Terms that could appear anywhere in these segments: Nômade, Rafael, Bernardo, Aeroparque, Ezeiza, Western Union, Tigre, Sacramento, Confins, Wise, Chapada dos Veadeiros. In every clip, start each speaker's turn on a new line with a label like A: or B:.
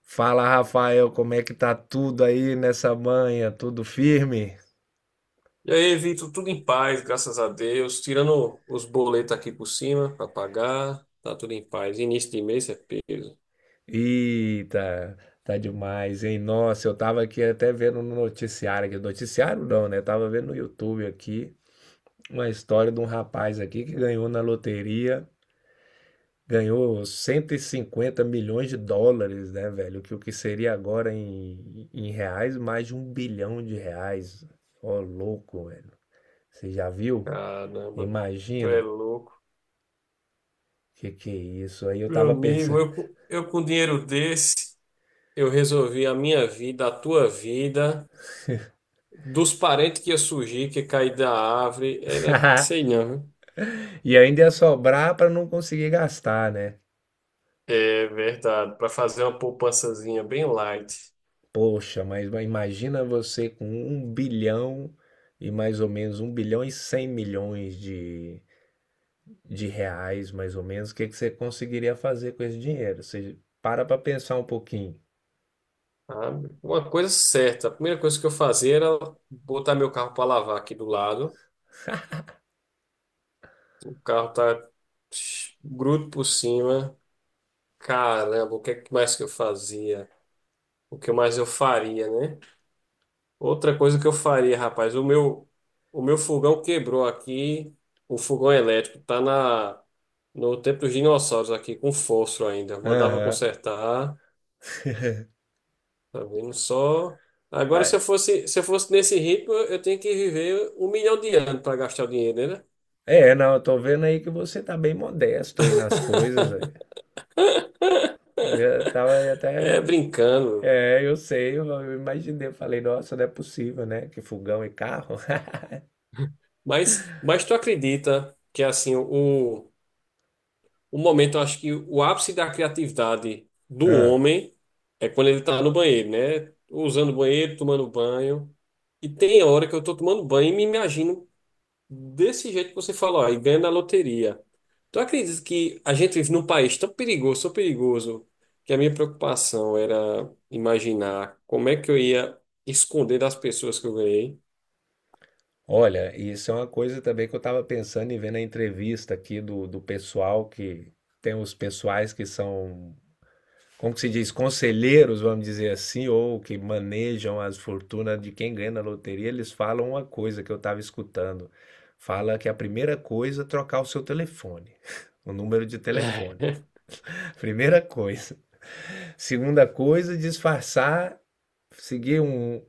A: Fala, Rafael, como é que tá tudo aí nessa manhã? Tudo firme?
B: E aí, Vitor, tudo em paz, graças a Deus. Tirando os boletos aqui por cima para pagar, tá tudo em paz. Início de mês é peso.
A: Eita, tá demais, hein? Nossa, eu tava aqui até vendo no noticiário aqui, noticiário não, né? Tava vendo no YouTube aqui uma história de um rapaz aqui que ganhou na loteria, ganhou US$ 150 milhões, né, velho? Que o que seria agora em reais, mais de R$ 1 bilhão. Ó, louco, velho. Você já viu?
B: Caramba, tu é
A: Imagina.
B: louco.
A: Que é isso? Aí eu
B: Meu
A: tava
B: amigo,
A: pensando.
B: eu com dinheiro desse, eu resolvi a minha vida, a tua vida, dos parentes que ia surgir, que ia cair da árvore, era, sei não, viu?
A: E ainda ia sobrar para não conseguir gastar, né?
B: É verdade, para fazer uma poupançazinha bem light.
A: Poxa, mas imagina você com um bilhão e mais ou menos 1,1 bilhão de reais, mais ou menos, o que que você conseguiria fazer com esse dinheiro? Você para para pensar um pouquinho.
B: Sabe? Uma coisa certa, a primeira coisa que eu fazia era botar meu carro para lavar aqui do lado. O carro tá bruto por cima. Caramba, o que é que mais que eu fazia? O que mais eu faria, né? Outra coisa que eu faria, rapaz, o meu fogão quebrou aqui. O fogão elétrico tá no tempo dos dinossauros aqui, com fósforo ainda. Mandava
A: Aham.
B: consertar, tá vendo só? Agora, se eu
A: Ué,
B: fosse, se eu fosse nesse ritmo, eu tenho que viver 1 milhão de anos para gastar o dinheiro, né?
A: é, não, eu tô vendo aí que você tá bem modesto aí nas coisas aí. Eu já tava aí
B: É
A: até.
B: brincando.
A: É, eu sei, eu imaginei, eu falei, nossa, não é possível, né? Que fogão e carro.
B: Mas tu acredita que assim, o momento, eu acho que o ápice da criatividade do
A: Ah.
B: homem é quando ele tá no banheiro, né? Usando o banheiro, tomando banho. E tem hora que eu tô tomando banho e me imagino desse jeito que você falou, aí ganha na loteria. Tu acredita que a gente vive num país tão perigoso, que a minha preocupação era imaginar como é que eu ia esconder das pessoas que eu ganhei?
A: Olha, isso é uma coisa também que eu estava pensando em ver na entrevista aqui do pessoal que tem os pessoais que são, como que se diz, conselheiros, vamos dizer assim, ou que manejam as fortunas de quem ganha na loteria, eles falam uma coisa que eu estava escutando. Fala que a primeira coisa é trocar o seu telefone, o número de telefone. Primeira coisa. Segunda coisa, disfarçar, seguir um,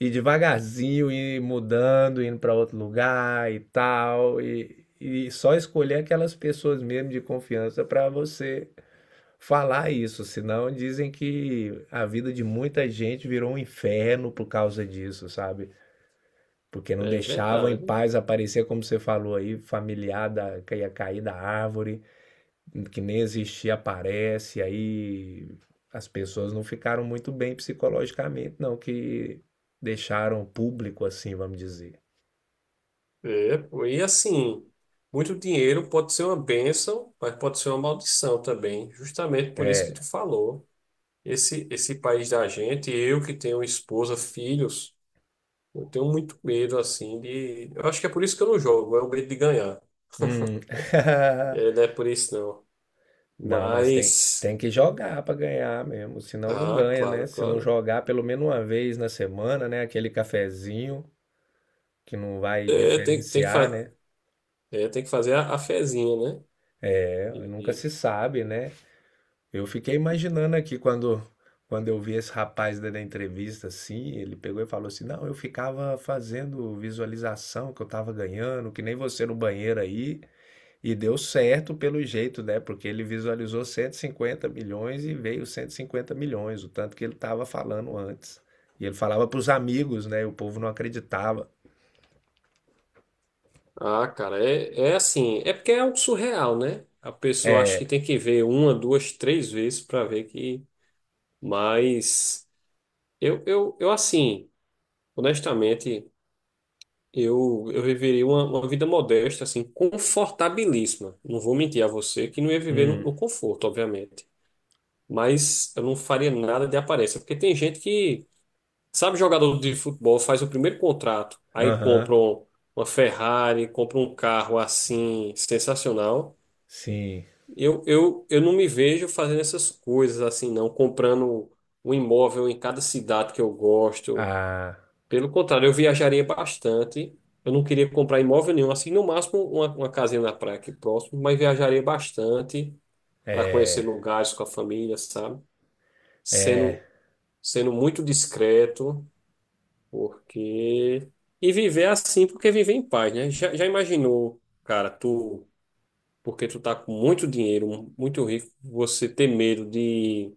A: e devagarzinho ir mudando, indo para outro lugar e tal, e só escolher aquelas pessoas mesmo de confiança para você falar isso, senão dizem que a vida de muita gente virou um inferno por causa disso, sabe? Porque não
B: É, é
A: deixavam em
B: verdade.
A: paz aparecer, como você falou aí, familiar da, que ia cair da árvore, que nem existia aparece, aí as pessoas não ficaram muito bem psicologicamente, não, que deixaram público assim, vamos dizer.
B: É, pô, e assim, muito dinheiro pode ser uma bênção, mas pode ser uma maldição também, justamente por isso que tu
A: É,
B: falou. Esse país da gente, eu que tenho esposa, filhos, eu tenho muito medo, assim. De... Eu acho que é por isso que eu não jogo, é o medo de ganhar.
A: hum.
B: É, não é por isso, não.
A: Não, mas tem,
B: Mas.
A: tem que jogar para ganhar mesmo, senão não
B: Ah,
A: ganha, né?
B: claro,
A: Se não
B: claro.
A: jogar pelo menos uma vez na semana, né? Aquele cafezinho que não vai
B: É, tem que,
A: diferenciar, né?
B: é, tem que fazer a fezinha, né?
A: É, nunca se sabe, né? Eu fiquei imaginando aqui quando eu vi esse rapaz dando a entrevista assim, ele pegou e falou assim: não, eu ficava fazendo visualização que eu tava ganhando, que nem você no banheiro aí, e deu certo pelo jeito, né? Porque ele visualizou 150 milhões e veio 150 milhões, o tanto que ele tava falando antes. E ele falava pros amigos, né? E o povo não acreditava.
B: Ah, cara, é assim, é porque é algo surreal, né? A pessoa acha que
A: É,
B: tem que ver uma, duas, três vezes para ver que. Mas eu assim, honestamente, eu viveria uma vida modesta, assim, confortabilíssima. Não vou mentir a você que não ia viver no,
A: hum,
B: no conforto, obviamente. Mas eu não faria nada de aparência, porque tem gente que, sabe, jogador de futebol faz o primeiro contrato, aí
A: aham,
B: compra uma Ferrari, compra um carro assim, sensacional.
A: sim,
B: Eu não me vejo fazendo essas coisas assim, não, comprando um imóvel em cada cidade que eu gosto.
A: ah.
B: Pelo contrário, eu viajaria bastante. Eu não queria comprar imóvel nenhum, assim, no máximo uma casinha na praia aqui próximo, mas viajaria bastante para conhecer lugares com a família, sabe? Sendo, sendo muito discreto. Porque. E viver assim, porque viver em paz, né? Já imaginou, cara, tu porque tu tá com muito dinheiro, muito rico, você ter medo de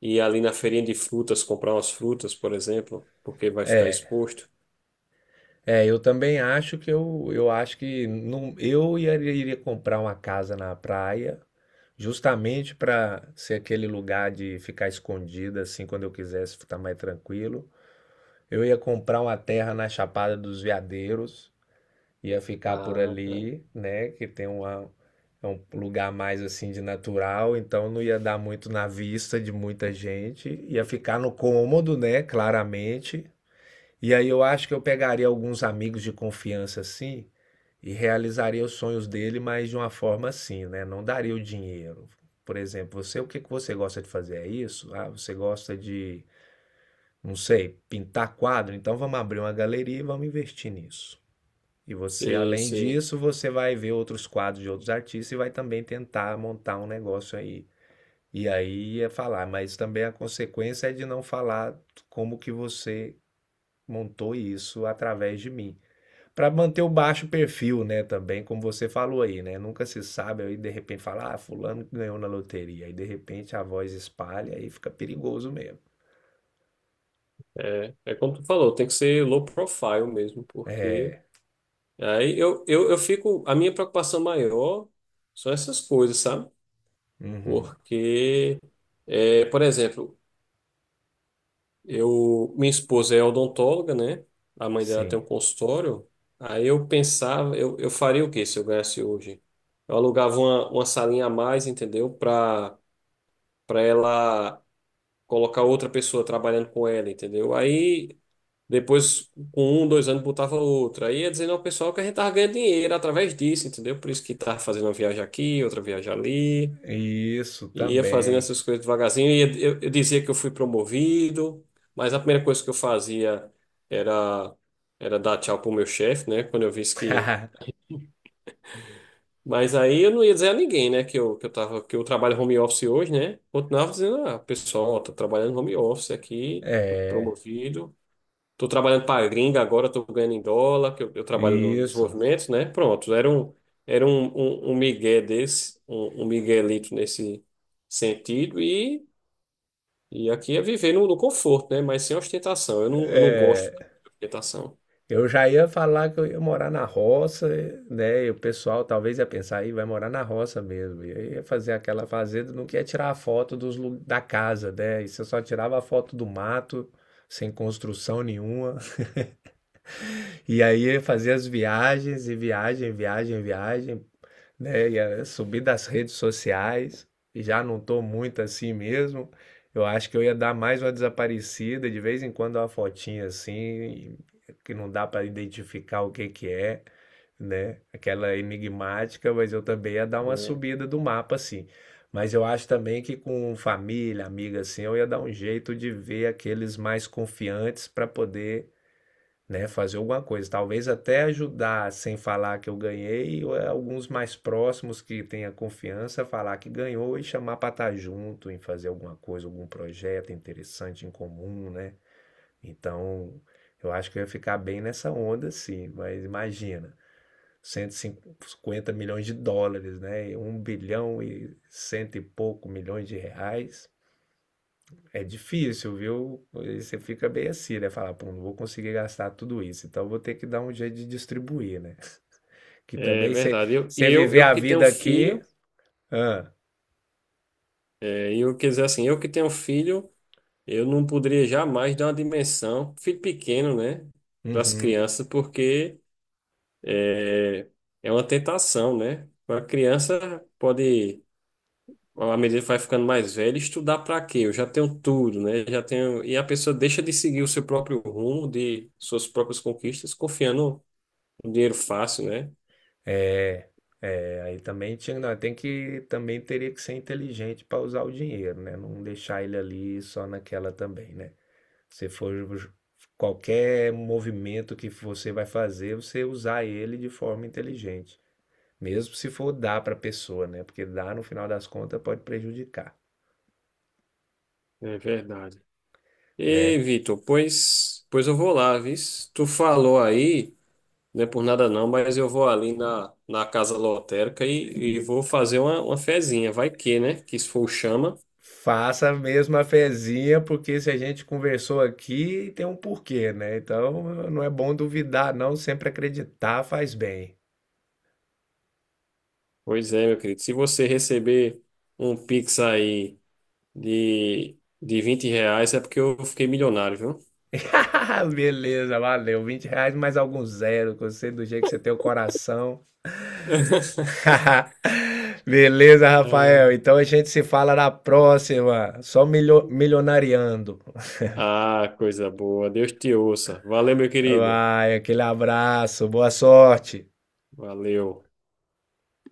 B: ir ali na feirinha de frutas, comprar umas frutas, por exemplo, porque vai ficar exposto.
A: É, eu também acho que eu acho que não, iria comprar uma casa na praia, justamente para ser aquele lugar de ficar escondida, assim, quando eu quisesse ficar mais tranquilo. Eu ia comprar uma terra na Chapada dos Veadeiros, ia ficar por
B: Ah, cara.
A: ali, né, que tem uma, é um lugar mais assim de natural, então não ia dar muito na vista de muita gente, ia ficar no cômodo, né, claramente. E aí eu acho que eu pegaria alguns amigos de confiança assim e realizaria os sonhos dele, mas de uma forma assim, né? Não daria o dinheiro. Por exemplo, você, o que que você gosta de fazer? É isso? Ah, você gosta de, não sei, pintar quadro? Então vamos abrir uma galeria e vamos investir nisso. E você,
B: Sei,
A: além
B: sei.
A: disso, você vai ver outros quadros de outros artistas e vai também tentar montar um negócio aí. E aí é falar, mas também a consequência é de não falar como que você montou isso através de mim. Para manter o baixo perfil, né, também, como você falou aí, né? Nunca se sabe, aí de repente fala, ah, fulano que ganhou na loteria, aí de repente a voz espalha e fica perigoso mesmo.
B: É, é como tu falou, tem que ser low profile mesmo, porque
A: É,
B: aí eu fico. A minha preocupação maior são essas coisas, sabe?
A: uhum,
B: Porque, por exemplo, eu, minha esposa é odontóloga, né? A mãe dela tem um
A: sim.
B: consultório. Aí eu pensava, eu faria o quê se eu ganhasse hoje? Eu alugava uma salinha a mais, entendeu? Para ela colocar outra pessoa trabalhando com ela, entendeu? Aí depois, com um, dois anos, botava outra. Aí ia dizendo ao pessoal que a gente tava ganhando dinheiro através disso, entendeu? Por isso que tava fazendo uma viagem aqui, outra viagem ali.
A: Isso
B: E ia fazendo
A: também.
B: essas coisas devagarzinho. E eu dizia que eu fui promovido, mas a primeira coisa que eu fazia era, era dar tchau pro meu chefe, né? Quando eu visse que. Mas aí eu não ia dizer a ninguém, né? Que eu trabalho home office hoje, né? Continuava dizendo, ah, pessoal, tô trabalhando home office aqui, fui
A: É,
B: promovido. Tô trabalhando para gringa agora, tô ganhando em dólar, que eu trabalho no
A: isso.
B: desenvolvimento, né? Pronto, era um migué desse, um miguelito nesse sentido. E aqui é viver no conforto, né? Mas sem ostentação. Eu não gosto
A: É,
B: de ostentação.
A: eu já ia falar que eu ia morar na roça, né? E o pessoal talvez ia pensar, aí vai morar na roça mesmo. E aí ia fazer aquela fazenda, não queria tirar a foto dos, da casa, né? E você só tirava a foto do mato, sem construção nenhuma. E aí ia fazer as viagens, e viagem, viagem, viagem, né? E subi das redes sociais, e já não tô muito assim mesmo. Eu acho que eu ia dar mais uma desaparecida, de vez em quando uma fotinha assim, que não dá para identificar o que que é, né? Aquela enigmática, mas eu também ia dar uma
B: É,
A: subida do mapa assim. Mas eu acho também que com família, amiga assim, eu ia dar um jeito de ver aqueles mais confiantes para poder, né? Fazer alguma coisa, talvez até ajudar sem falar que eu ganhei, ou é alguns mais próximos que tenha confiança falar que ganhou e chamar para estar junto em fazer alguma coisa, algum projeto interessante em comum, né? Então, eu acho que eu ia ficar bem nessa onda, sim, mas imagina. US$ 150 milhões, né? Um bilhão e cento e pouco milhões de reais. É difícil, viu? Você fica bem assim, né? Falar, pô, não vou conseguir gastar tudo isso, então vou ter que dar um jeito de distribuir, né? Que
B: é
A: também você
B: verdade. Eu, e
A: você
B: eu,
A: viver
B: eu
A: a
B: que
A: vida
B: tenho
A: aqui.
B: filho,
A: Ah,
B: e eu quer dizer assim, eu que tenho filho, eu não poderia jamais dar uma dimensão, filho pequeno, né? Para as
A: uhum.
B: crianças, porque é, é uma tentação, né? A criança pode, à medida que vai ficando mais velha, estudar para quê? Eu já tenho tudo, né? Já tenho, e a pessoa deixa de seguir o seu próprio rumo, de suas próprias conquistas, confiando. Um dinheiro fácil, né?
A: É, aí também tinha, não, tem que também teria que ser inteligente para usar o dinheiro, né? Não deixar ele ali só naquela também, né? Se for ju- Qualquer movimento que você vai fazer, você usar ele de forma inteligente, mesmo se for dar para a pessoa, né? Porque dar no final das contas pode prejudicar.
B: É verdade. Ei,
A: Né?
B: Vitor, pois eu vou lá, vis. Tu falou aí, não é por nada não, mas eu vou ali na casa lotérica e vou fazer uma fezinha. Vai que, né? Que se for o chama.
A: Faça a mesma fezinha, porque se a gente conversou aqui, tem um porquê, né? Então não é bom duvidar, não. Sempre acreditar faz bem.
B: Pois é, meu querido. Se você receber um Pix aí de R$ 20, é porque eu fiquei milionário, viu?
A: Beleza, valeu. R$ 20 mais algum zero, que eu do jeito que você tem o coração. Beleza, Rafael.
B: É.
A: Então a gente se fala na próxima. Só milionariando.
B: Ah, coisa boa. Deus te ouça. Valeu, meu querido.
A: Vai, aquele abraço, boa sorte.
B: Valeu.